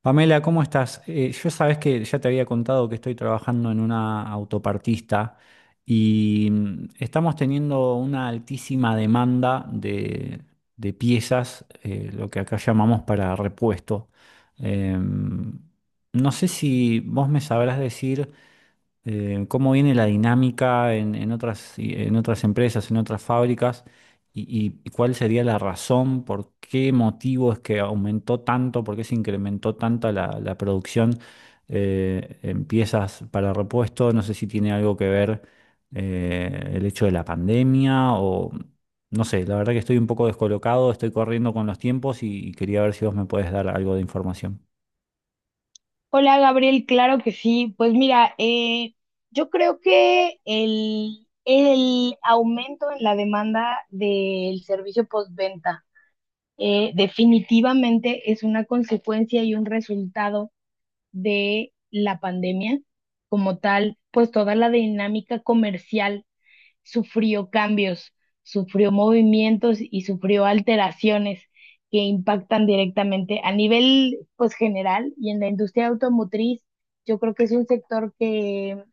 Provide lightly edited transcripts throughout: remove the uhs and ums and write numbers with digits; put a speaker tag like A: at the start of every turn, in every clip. A: Pamela, ¿cómo estás? Yo sabes que ya te había contado que estoy trabajando en una autopartista y estamos teniendo una altísima demanda de piezas, lo que acá llamamos para repuesto. Em, no sé si vos me sabrás decir cómo viene la dinámica en otras, en otras empresas, en otras fábricas, y cuál sería la razón, por qué motivo es que aumentó tanto, por qué se incrementó tanto la producción en piezas para repuesto. No sé si tiene algo que ver el hecho de la pandemia o no sé, la verdad que estoy un poco descolocado, estoy corriendo con los tiempos y quería ver si vos me puedes dar algo de información.
B: Hola Gabriel, claro que sí. Pues mira, yo creo que el aumento en la demanda del servicio postventa definitivamente es una consecuencia y un resultado de la pandemia como tal, pues toda la dinámica comercial sufrió cambios, sufrió movimientos y sufrió alteraciones que impactan directamente a nivel pues general y en la industria automotriz, yo creo que es un sector que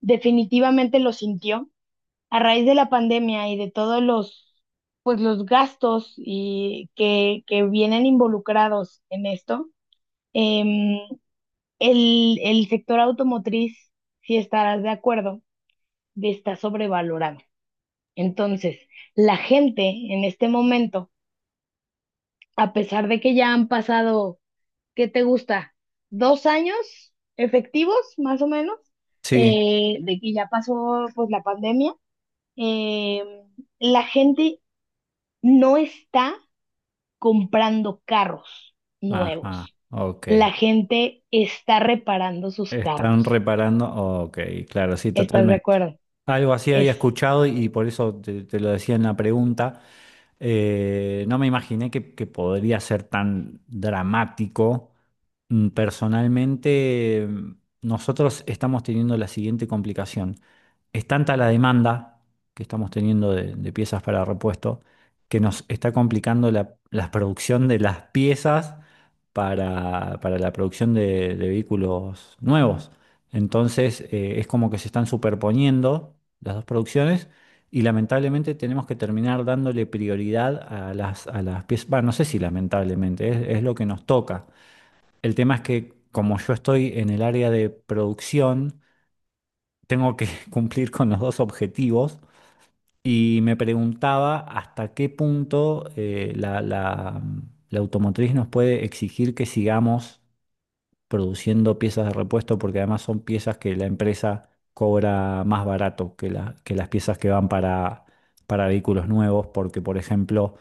B: definitivamente lo sintió a raíz de la pandemia y de todos los pues los gastos y que vienen involucrados en esto. em, el sector automotriz, si estarás de acuerdo, está sobrevalorado. Entonces, la gente en este momento, a pesar de que ya han pasado, ¿qué te gusta? 2 años efectivos, más o menos,
A: Sí.
B: de que ya pasó pues la pandemia, eh, la gente no está comprando carros
A: Ajá,
B: nuevos.
A: ok.
B: La gente está reparando sus
A: Están
B: carros.
A: reparando. Ok, claro, sí,
B: ¿Estás de
A: totalmente.
B: acuerdo?
A: Algo así
B: Es
A: había escuchado y por eso te lo decía en la pregunta. No me imaginé que podría ser tan dramático. Mm, personalmente, nosotros estamos teniendo la siguiente complicación. Es tanta la demanda que estamos teniendo de piezas para repuesto que nos está complicando la producción de las piezas para la producción de vehículos nuevos. Entonces, es como que se están superponiendo las dos producciones y lamentablemente tenemos que terminar dándole prioridad a las piezas. Bueno, no sé si lamentablemente, es lo que nos toca. El tema es que como yo estoy en el área de producción, tengo que cumplir con los dos objetivos y me preguntaba hasta qué punto la automotriz nos puede exigir que sigamos produciendo piezas de repuesto porque además son piezas que la empresa cobra más barato que, que las piezas que van para vehículos nuevos porque, por ejemplo,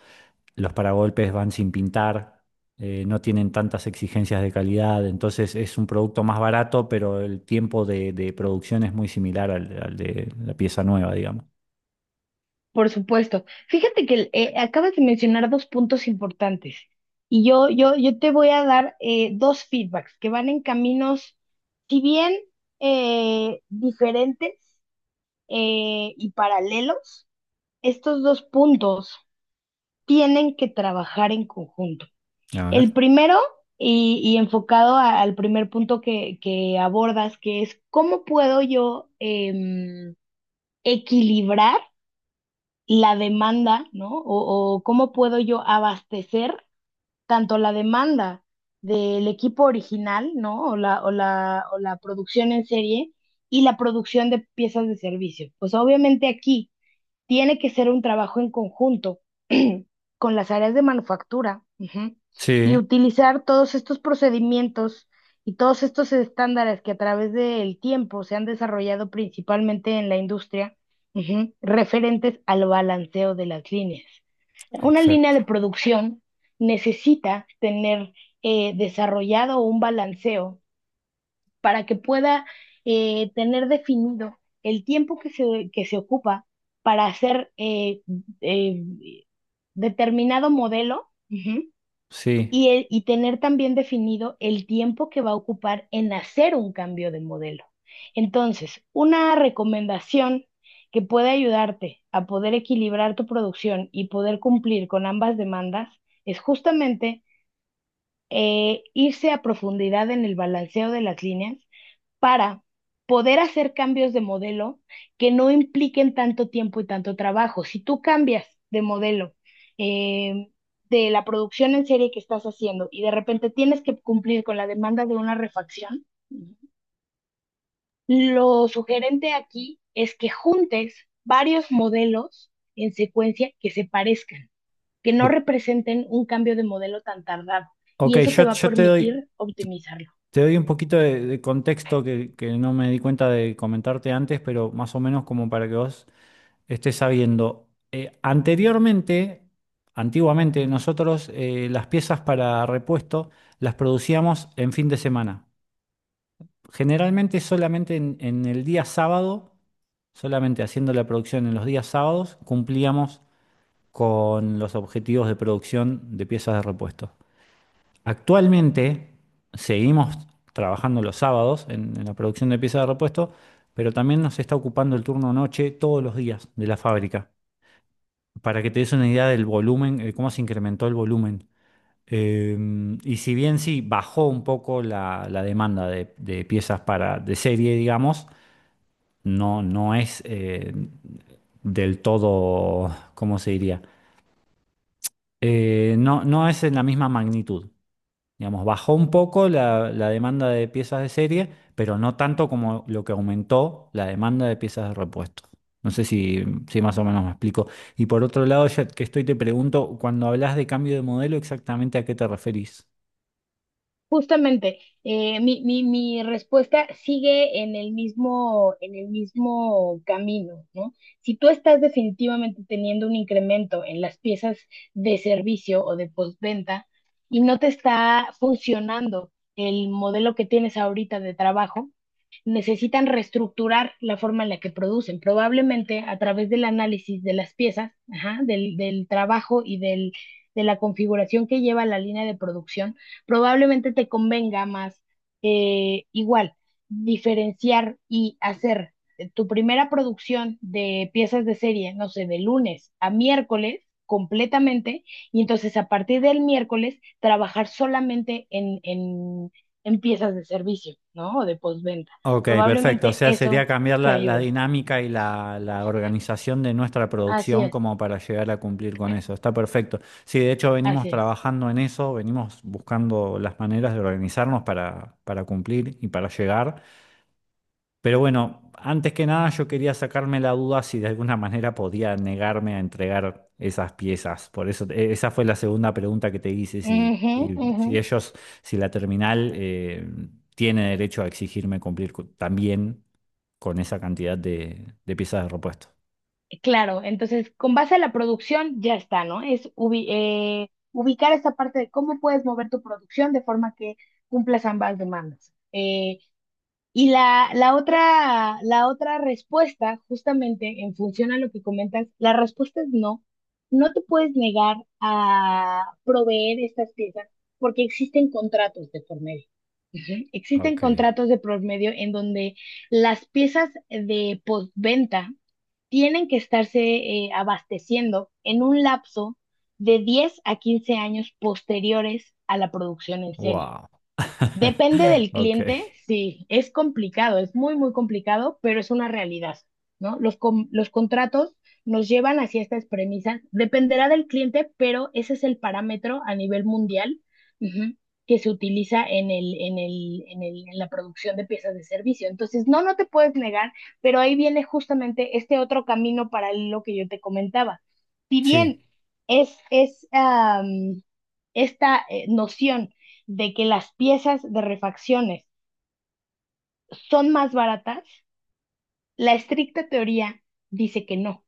A: los paragolpes van sin pintar, no tienen tantas exigencias de calidad, entonces es un producto más barato, pero el tiempo de producción es muy similar al, al de la pieza nueva, digamos.
B: Por supuesto. Fíjate que acabas de mencionar dos puntos importantes y yo te voy a dar dos feedbacks que van en caminos, si bien diferentes y paralelos, estos dos puntos tienen que trabajar en conjunto.
A: A ver.
B: El primero, y enfocado al primer punto que abordas, que es cómo puedo yo equilibrar la demanda, ¿no? O cómo puedo yo abastecer tanto la demanda del equipo original, ¿no? O la producción en serie y la producción de piezas de servicio. Pues obviamente aquí tiene que ser un trabajo en conjunto con las áreas de manufactura, y
A: Sí,
B: utilizar todos estos procedimientos y todos estos estándares que a través del tiempo se han desarrollado principalmente en la industria, referentes al balanceo de las líneas. Una línea de
A: exacto.
B: producción necesita tener desarrollado un balanceo para que pueda tener definido el tiempo que se ocupa para hacer eh, determinado modelo. Ujú.
A: Sí.
B: Y tener también definido el tiempo que va a ocupar en hacer un cambio de modelo. Entonces, una recomendación que puede ayudarte a poder equilibrar tu producción y poder cumplir con ambas demandas es justamente irse a profundidad en el balanceo de las líneas para poder hacer cambios de modelo que no impliquen tanto tiempo y tanto trabajo. Si tú cambias de modelo eh, de la producción en serie que estás haciendo y de repente tienes que cumplir con la demanda de una refacción, lo sugerente aquí es que juntes varios modelos en secuencia que se parezcan, que no
A: O-
B: representen un cambio de modelo tan tardado.
A: ok,
B: Y eso te
A: yo,
B: va a
A: yo te doy...
B: permitir optimizarlo.
A: Te doy un poquito de contexto que no me di cuenta de comentarte antes, pero más o menos como para que vos estés sabiendo. Anteriormente, antiguamente, nosotros las piezas para repuesto las producíamos en fin de semana. Generalmente solamente en el día sábado, solamente haciendo la producción en los días sábados, cumplíamos con los objetivos de producción de piezas de repuesto. Actualmente seguimos trabajando los sábados en la producción de piezas de repuesto, pero también nos está ocupando el turno noche todos los días de la fábrica, para que te des una idea del volumen, cómo se incrementó el volumen. Eh, y si bien sí bajó un poco la demanda de piezas para, de serie, digamos, no, no es del todo, ¿cómo se diría? No, no es en la misma magnitud. Digamos, bajó un poco la demanda de piezas de serie, pero no tanto como lo que aumentó la demanda de piezas de repuesto. No sé si, si más o menos me explico. Y por otro lado, ya que estoy, te pregunto, cuando hablas de cambio de modelo, ¿exactamente a qué te referís?
B: Justamente, mi respuesta sigue en el mismo camino, ¿no? Si tú estás definitivamente teniendo un incremento en las piezas de servicio o de postventa y no te está funcionando el modelo que tienes ahorita de trabajo, necesitan reestructurar la forma en la que producen, probablemente a través del análisis de las piezas, ajá, del trabajo y de la configuración que lleva la línea de producción, probablemente te convenga más igual diferenciar y hacer tu primera producción de piezas de serie, no sé, de lunes a miércoles completamente, y entonces a partir del miércoles trabajar solamente en piezas de servicio, ¿no? O de postventa.
A: Ok, perfecto. O
B: Probablemente
A: sea, sería
B: eso
A: cambiar
B: te
A: la
B: ayude.
A: dinámica y la organización de nuestra
B: Así
A: producción
B: es,
A: como para llegar a cumplir con eso. Está perfecto. Sí, de hecho venimos
B: así es.
A: trabajando en eso, venimos buscando las maneras de organizarnos para cumplir y para llegar. Pero bueno, antes que nada yo quería sacarme la duda si de alguna manera podía negarme a entregar esas piezas. Por eso, esa fue la segunda pregunta que te hice, si,
B: Ujú,
A: si,
B: ujú.
A: si ellos, si la terminal tiene derecho a exigirme cumplir también con esa cantidad de piezas de repuesto.
B: Claro, entonces con base a la producción ya está, ¿no? Es ubicar esta parte de cómo puedes mover tu producción de forma que cumplas ambas demandas. Y la otra respuesta, justamente en función a lo que comentas, la respuesta es no. No te puedes negar a proveer estas piezas porque existen contratos de por medio. Ujú. Existen
A: Ok,
B: contratos de por medio en donde las piezas de postventa tienen que estarse abasteciendo en un lapso de 10 a 15 años posteriores a la producción en serie.
A: wow.
B: Depende del
A: Ok,
B: cliente, sí, es complicado, es muy, muy complicado, pero es una realidad, ¿no? Los contratos nos llevan hacia estas premisas. Dependerá del cliente, pero ese es el parámetro a nivel mundial, ujú, que se utiliza en la producción de piezas de servicio. Entonces, no, no te puedes negar, pero ahí viene justamente este otro camino paralelo que yo te comentaba. Si
A: sí.
B: bien es, es, am, esta noción de que las piezas de refacciones son más baratas, la estricta teoría dice que no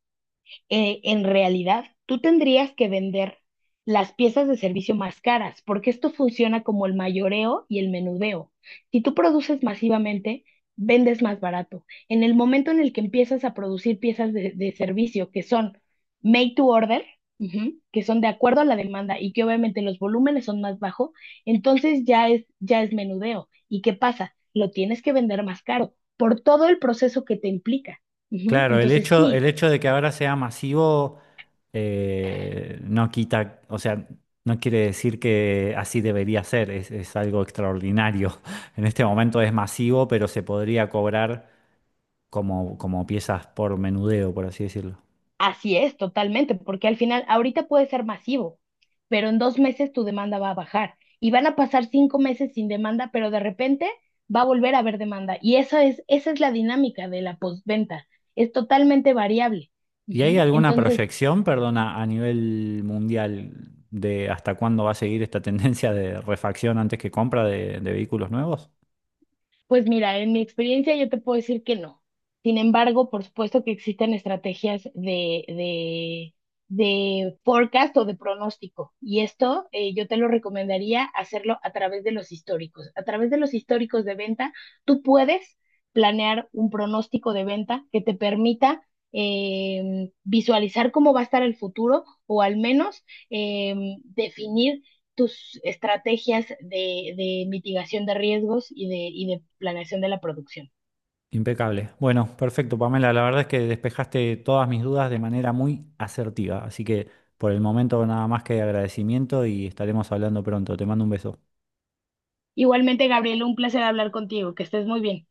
B: en realidad tú tendrías que vender las piezas de servicio más caras, porque esto funciona como el mayoreo y el menudeo. Si tú produces masivamente, vendes más barato. En el momento en el que empiezas a producir piezas de servicio que son made to order, que son de acuerdo a la demanda y que obviamente los volúmenes son más bajos, entonces ya es menudeo. ¿Y qué pasa? Lo tienes que vender más caro por todo el proceso que te implica. Ujú.
A: Claro,
B: Entonces,
A: el
B: sí,
A: hecho de que ahora sea masivo no quita, o sea, no quiere decir que así debería ser, es algo extraordinario. En este momento es masivo, pero se podría cobrar como, como piezas por menudeo, por así decirlo.
B: así es, totalmente, porque al final ahorita puede ser masivo, pero en 2 meses tu demanda va a bajar y van a pasar 5 meses sin demanda, pero de repente va a volver a haber demanda. Y esa es la dinámica de la postventa, es totalmente variable.
A: ¿Y hay
B: Ujú.
A: alguna
B: Entonces,
A: proyección, perdona, a nivel mundial de hasta cuándo va a seguir esta tendencia de refacción antes que compra de vehículos nuevos?
B: pues mira, en mi experiencia yo te puedo decir que no. Sin embargo, por supuesto que existen estrategias de forecast o de pronóstico. Y esto yo te lo recomendaría hacerlo a través de los históricos. A través de los históricos de venta, tú puedes planear un pronóstico de venta que te permita visualizar cómo va a estar el futuro o al menos definir tus estrategias de mitigación de riesgos y y de planeación de la producción.
A: Impecable. Bueno, perfecto, Pamela. La verdad es que despejaste todas mis dudas de manera muy asertiva. Así que por el momento nada más que agradecimiento y estaremos hablando pronto. Te mando un beso.
B: Igualmente, Gabriel, un placer hablar contigo, que estés muy bien.